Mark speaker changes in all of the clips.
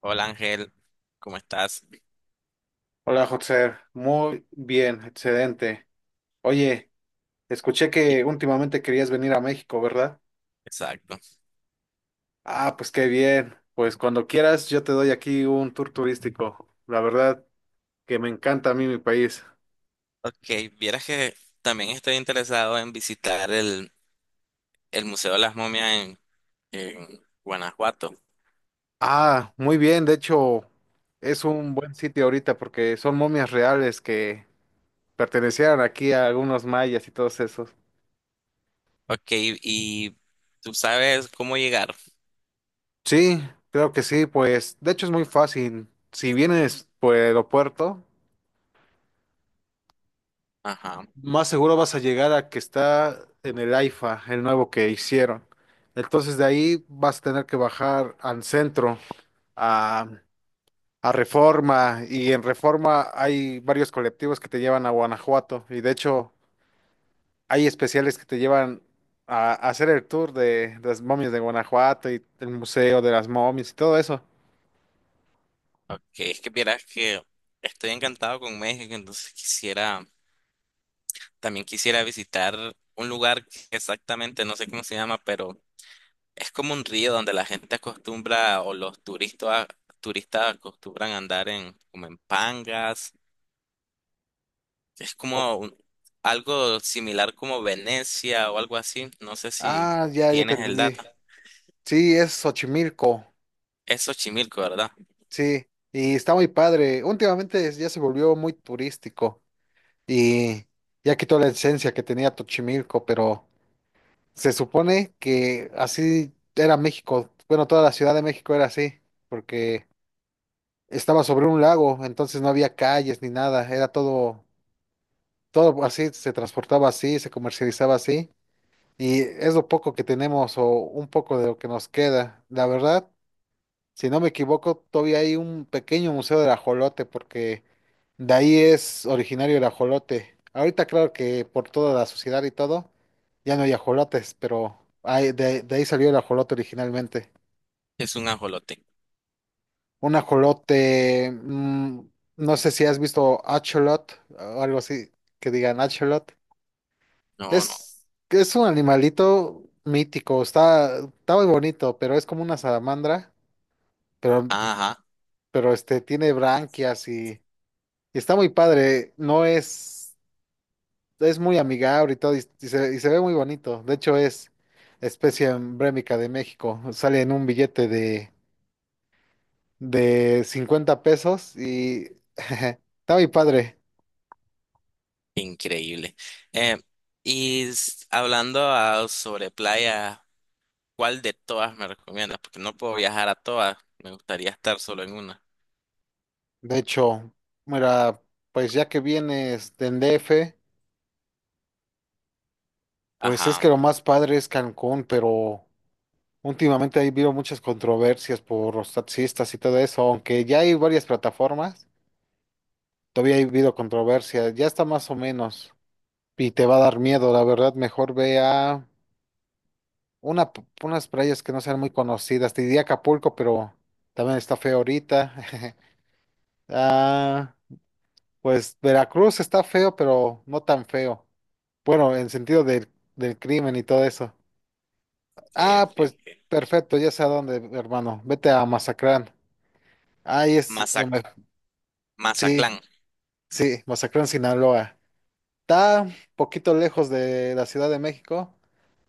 Speaker 1: Hola Ángel, ¿cómo estás?
Speaker 2: Hola, José. Muy bien, excelente. Oye, escuché
Speaker 1: Y-
Speaker 2: que últimamente querías venir a México, ¿verdad?
Speaker 1: Exacto.
Speaker 2: Ah, pues qué bien. Pues cuando quieras, yo te doy aquí un tour turístico. La verdad que me encanta a mí mi país.
Speaker 1: Ok, vieras que también estoy interesado en visitar el Museo de las Momias en Guanajuato.
Speaker 2: Ah, muy bien. De hecho, es un buen sitio ahorita porque son momias reales que pertenecieron aquí a algunos mayas y todos esos.
Speaker 1: Ok, y tú sabes cómo llegar.
Speaker 2: Sí, creo que sí. Pues de hecho es muy fácil. Si vienes por el aeropuerto,
Speaker 1: Ajá.
Speaker 2: más seguro vas a llegar a que está en el AIFA, el nuevo que hicieron. Entonces de ahí vas a tener que bajar al centro, a, a Reforma, y en Reforma hay varios colectivos que te llevan a Guanajuato, y de hecho hay especiales que te llevan a hacer el tour de las momias de Guanajuato y el Museo de las Momias y todo eso.
Speaker 1: Ok, es que vieras que estoy encantado con México, entonces quisiera, también quisiera visitar un lugar que exactamente no sé cómo se llama, pero es como un río donde la gente acostumbra o los turistas acostumbran a andar en como en pangas. Es
Speaker 2: O-
Speaker 1: como un- Algo similar como Venecia o algo así. No sé si
Speaker 2: Ah, ya, ya te
Speaker 1: tienes el
Speaker 2: entendí.
Speaker 1: dato.
Speaker 2: Sí, es Xochimilco,
Speaker 1: Es Xochimilco, ¿verdad?
Speaker 2: sí, y está muy padre. Últimamente ya se volvió muy turístico y ya quitó la esencia que tenía Tochimilco, pero se supone que así era México. Bueno, toda la Ciudad de México era así, porque estaba sobre un lago, entonces no había calles ni nada, era todo, todo así, se transportaba así, se comercializaba así, y es lo poco que tenemos o un poco de lo que nos queda, la verdad. Si no me equivoco, todavía hay un pequeño museo del ajolote porque de ahí es originario el ajolote. Ahorita claro que por toda la sociedad y todo, ya no hay ajolotes, pero hay- de ahí salió el ajolote originalmente.
Speaker 1: Es un ajolote.
Speaker 2: Un ajolote, mm, no sé si has visto acholot o algo así, que digan acholot.
Speaker 1: No, no.
Speaker 2: Es un animalito mítico, está, está muy bonito, pero es como una salamandra, pero,
Speaker 1: Ajá,
Speaker 2: pero tiene branquias. Y está muy padre, no es, es muy amigable y todo, y se ve muy bonito. De hecho, es especie emblemática de México. Sale en un billete de 50 pesos y está muy padre.
Speaker 1: increíble. Eh, y hablando sobre playa, ¿cuál de todas me recomiendas? Porque no puedo viajar a todas. Me gustaría estar solo en una.
Speaker 2: De hecho, mira, pues ya que vienes de DF, pues es
Speaker 1: Ajá.
Speaker 2: que lo más padre es Cancún, pero últimamente ahí veo muchas controversias por los taxistas y todo eso. Aunque ya hay varias plataformas, todavía ha habido controversia, ya está más o menos, y te va a dar miedo, la verdad. Mejor ve a una, p- unas playas que no sean muy conocidas. Te diría Acapulco, pero también está feo ahorita. Ah, pues Veracruz está feo, pero no tan feo. Bueno, en sentido del, del crimen y todo eso.
Speaker 1: Ok,
Speaker 2: Ah, pues
Speaker 1: ok,
Speaker 2: perfecto, ya sé a dónde, hermano. Vete a Mazatlán. Ahí es, en
Speaker 1: ok.
Speaker 2: Ve- sí,
Speaker 1: Mazatlán.
Speaker 2: sí, Mazatlán, Sinaloa. Está un poquito lejos de la Ciudad de México.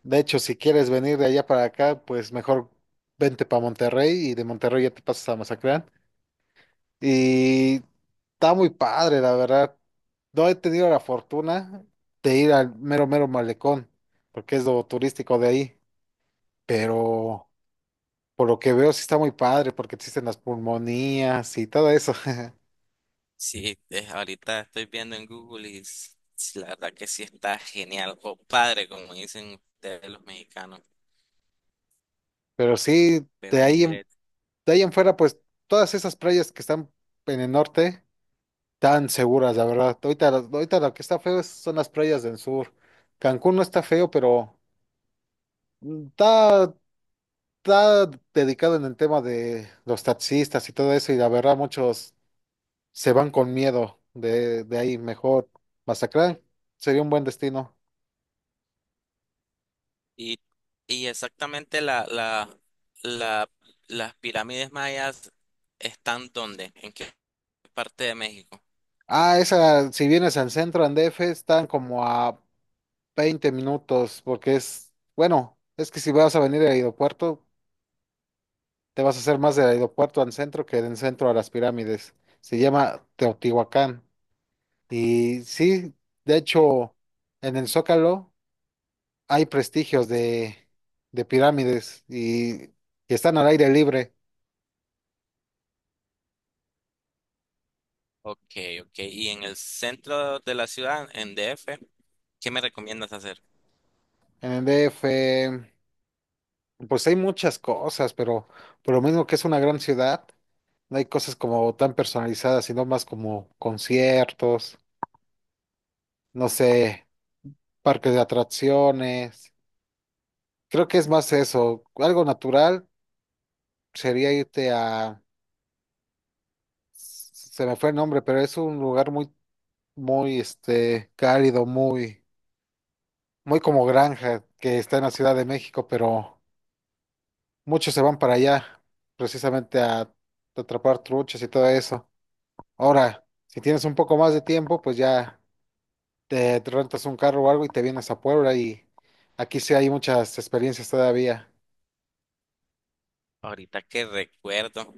Speaker 2: De hecho, si quieres venir de allá para acá, pues mejor vente para Monterrey y de Monterrey ya te pasas a Mazatlán. Y está muy padre, la verdad. No he tenido la fortuna de ir al mero, mero malecón, porque es lo turístico de ahí. Pero por lo que veo, sí está muy padre, porque existen las pulmonías y todo eso.
Speaker 1: Sí, ahorita estoy viendo en Google y la verdad que sí está genial. O padre, como dicen ustedes los mexicanos.
Speaker 2: Pero sí,
Speaker 1: Veo un inglés.
Speaker 2: de ahí en fuera, pues todas esas playas que están en el norte tan seguras, la verdad. Ahorita, ahorita lo que está feo es- son las playas del sur. Cancún no está feo, pero mm, está, está dedicado en el tema de los taxistas y todo eso, y la verdad muchos se van con miedo de ahí. Mejor Mazatlán sería un buen destino.
Speaker 1: Y, y exactamente la, las pirámides mayas están ¿dónde? ¿En qué parte de México?
Speaker 2: Ah, esa, si vienes al centro, en DF, están como a 20 minutos, porque es, bueno, es que si vas a venir al aeropuerto, te vas a hacer más del aeropuerto al centro que del centro a las pirámides. Se llama Teotihuacán. Y sí, de
Speaker 1: Ok,
Speaker 2: hecho, en el Zócalo hay prestigios de pirámides y están al aire libre.
Speaker 1: ok. Ok. Y en el centro de la ciudad, en DF, ¿qué me recomiendas hacer?
Speaker 2: En el DF, pues hay muchas cosas, pero por lo mismo que es una gran ciudad, no hay cosas como tan personalizadas, sino más como conciertos, no sé, parques de atracciones. Creo que es más eso. Algo natural sería irte a, se me fue el nombre, pero es un lugar muy, muy, cálido, muy, muy como granja, que está en la Ciudad de México, pero muchos se van para allá, precisamente a atrapar truchas y todo eso. Ahora, si tienes un poco más de tiempo, pues ya te rentas un carro o algo y te vienes a Puebla y aquí sí hay muchas experiencias todavía.
Speaker 1: Ahorita que recuerdo,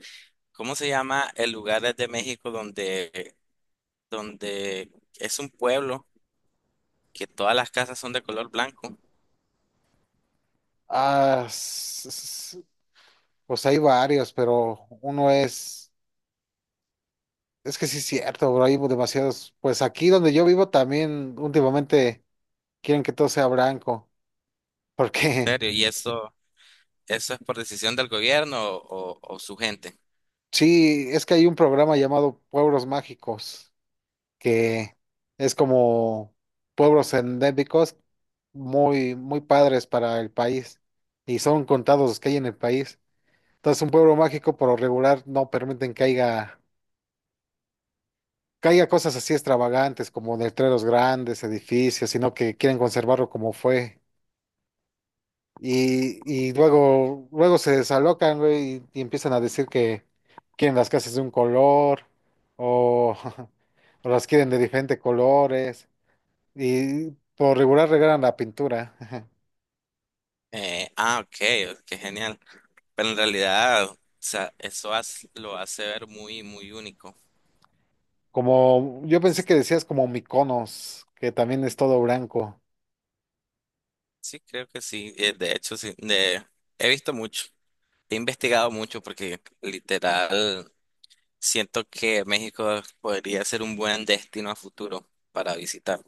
Speaker 1: ¿cómo se llama el lugar de México donde es un pueblo que todas las casas son de color blanco, en
Speaker 2: Ah, s- s- pues hay varios, pero uno es... Es que sí es cierto, bro, hay demasiados. Pues aquí donde yo vivo también últimamente quieren que todo sea blanco, porque
Speaker 1: serio, y eso es por decisión del gobierno o su gente.
Speaker 2: sí, es que hay un programa llamado Pueblos Mágicos, que es como pueblos endémicos muy, muy padres para el país, y son contados los que hay en el país. Entonces un pueblo mágico por lo regular no permiten que haya cosas así extravagantes como letreros grandes, edificios, sino que quieren conservarlo como fue. Y luego, luego se desalocan, güey, y empiezan a decir que quieren las casas de un color o, o las quieren de diferentes colores. Y por regular regalan la pintura.
Speaker 1: Ok, qué genial. Pero en realidad, o sea, lo hace ver muy, muy único.
Speaker 2: Como yo pensé que decías como Mykonos, que también es todo blanco.
Speaker 1: Sí, creo que sí. De hecho, sí, he visto mucho, he investigado mucho porque literal siento que México podría ser un buen destino a futuro para visitar.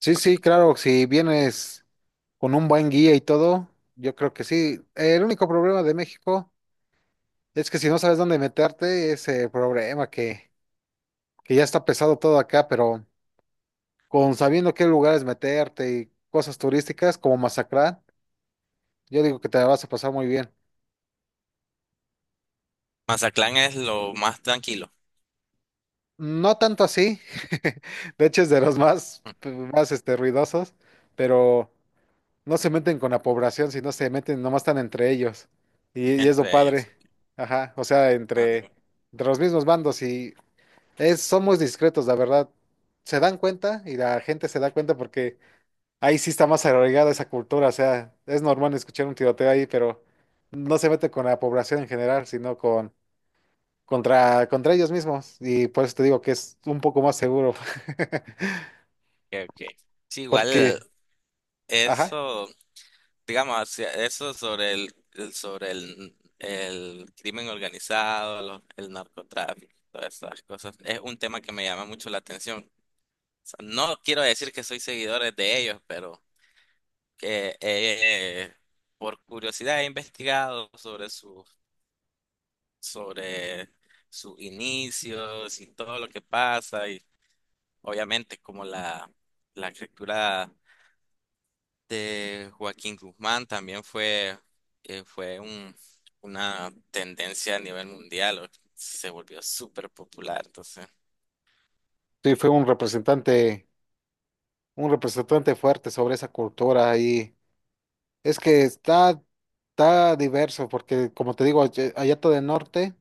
Speaker 2: Sí, sí, claro, si vienes con un buen guía y todo, yo creo que sí. El único problema de México es que si no sabes dónde meterte, es el problema que ya está pesado todo acá, pero... con sabiendo qué lugares meterte y cosas turísticas como Mazatlán, yo digo que te la vas a pasar muy bien.
Speaker 1: Mazatlán es lo más tranquilo.
Speaker 2: No tanto así. De hecho es de los más, más ruidosos, pero no se meten con la población, sino se meten, nomás están entre ellos. Y es lo
Speaker 1: Entre ellos.
Speaker 2: padre, ajá, o sea,
Speaker 1: Ah,
Speaker 2: entre,
Speaker 1: ok,
Speaker 2: entre los mismos bandos, y es, son muy discretos, la verdad. Se dan cuenta y la gente se da cuenta porque ahí sí está más arraigada esa cultura, o sea, es normal escuchar un tiroteo ahí, pero no se mete con la población en general, sino con contra, contra ellos mismos. Y por eso te digo que es un poco más seguro,
Speaker 1: ok. Sí, igual
Speaker 2: porque, ajá,
Speaker 1: eso, digamos, eso sobre el crimen organizado, el narcotráfico, todas estas cosas, es un tema que me llama mucho la atención. O sea, no quiero decir que soy seguidores de ellos, pero que por curiosidad he investigado sobre su, sobre sus inicios y todo lo que pasa y obviamente como la estructura de Joaquín Guzmán también fue una tendencia a nivel mundial, se volvió súper popular, entonces,
Speaker 2: sí fue un representante fuerte sobre esa cultura. Y es que está, está diverso, porque como te digo, allá allá todo el norte,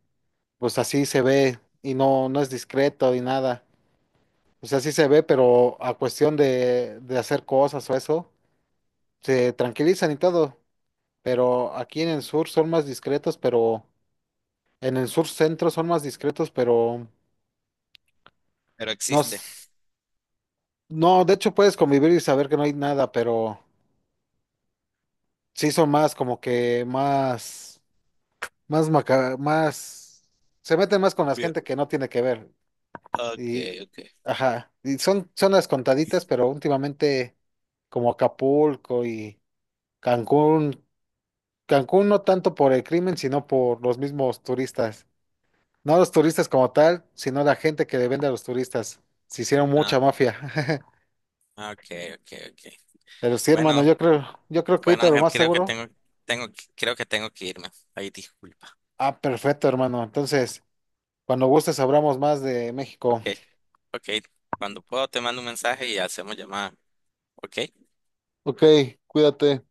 Speaker 2: pues así se ve y no, no es discreto ni nada. O sea, sí se ve, pero a cuestión de hacer cosas o eso, se tranquilizan y todo, pero aquí en el sur son más discretos, pero en el sur centro son más discretos, pero
Speaker 1: pero
Speaker 2: no,
Speaker 1: existe.
Speaker 2: s- no, de hecho puedes convivir y saber que no hay nada, pero sí son más como que más, más maca, más, se meten más con la gente
Speaker 1: Bien.
Speaker 2: que no tiene que ver
Speaker 1: Ok,
Speaker 2: y,
Speaker 1: ok.
Speaker 2: ajá, y son, son las contaditas, pero últimamente como Acapulco y Cancún, Cancún no tanto por el crimen, sino por los mismos turistas. No los turistas como tal, sino la gente que le vende a los turistas. Se hicieron
Speaker 1: Ah,
Speaker 2: mucha mafia.
Speaker 1: ok, ok, ok.
Speaker 2: Pero sí, hermano,
Speaker 1: Bueno,
Speaker 2: yo creo que
Speaker 1: bueno,
Speaker 2: ahorita lo
Speaker 1: Ángel,
Speaker 2: más seguro.
Speaker 1: creo que tengo que irme. Ahí disculpa.
Speaker 2: Ah, perfecto, hermano. Entonces, cuando gustes hablamos más de México.
Speaker 1: Ok, ok. Cuando puedo te mando un mensaje y hacemos llamada. Ok.
Speaker 2: Ok, cuídate.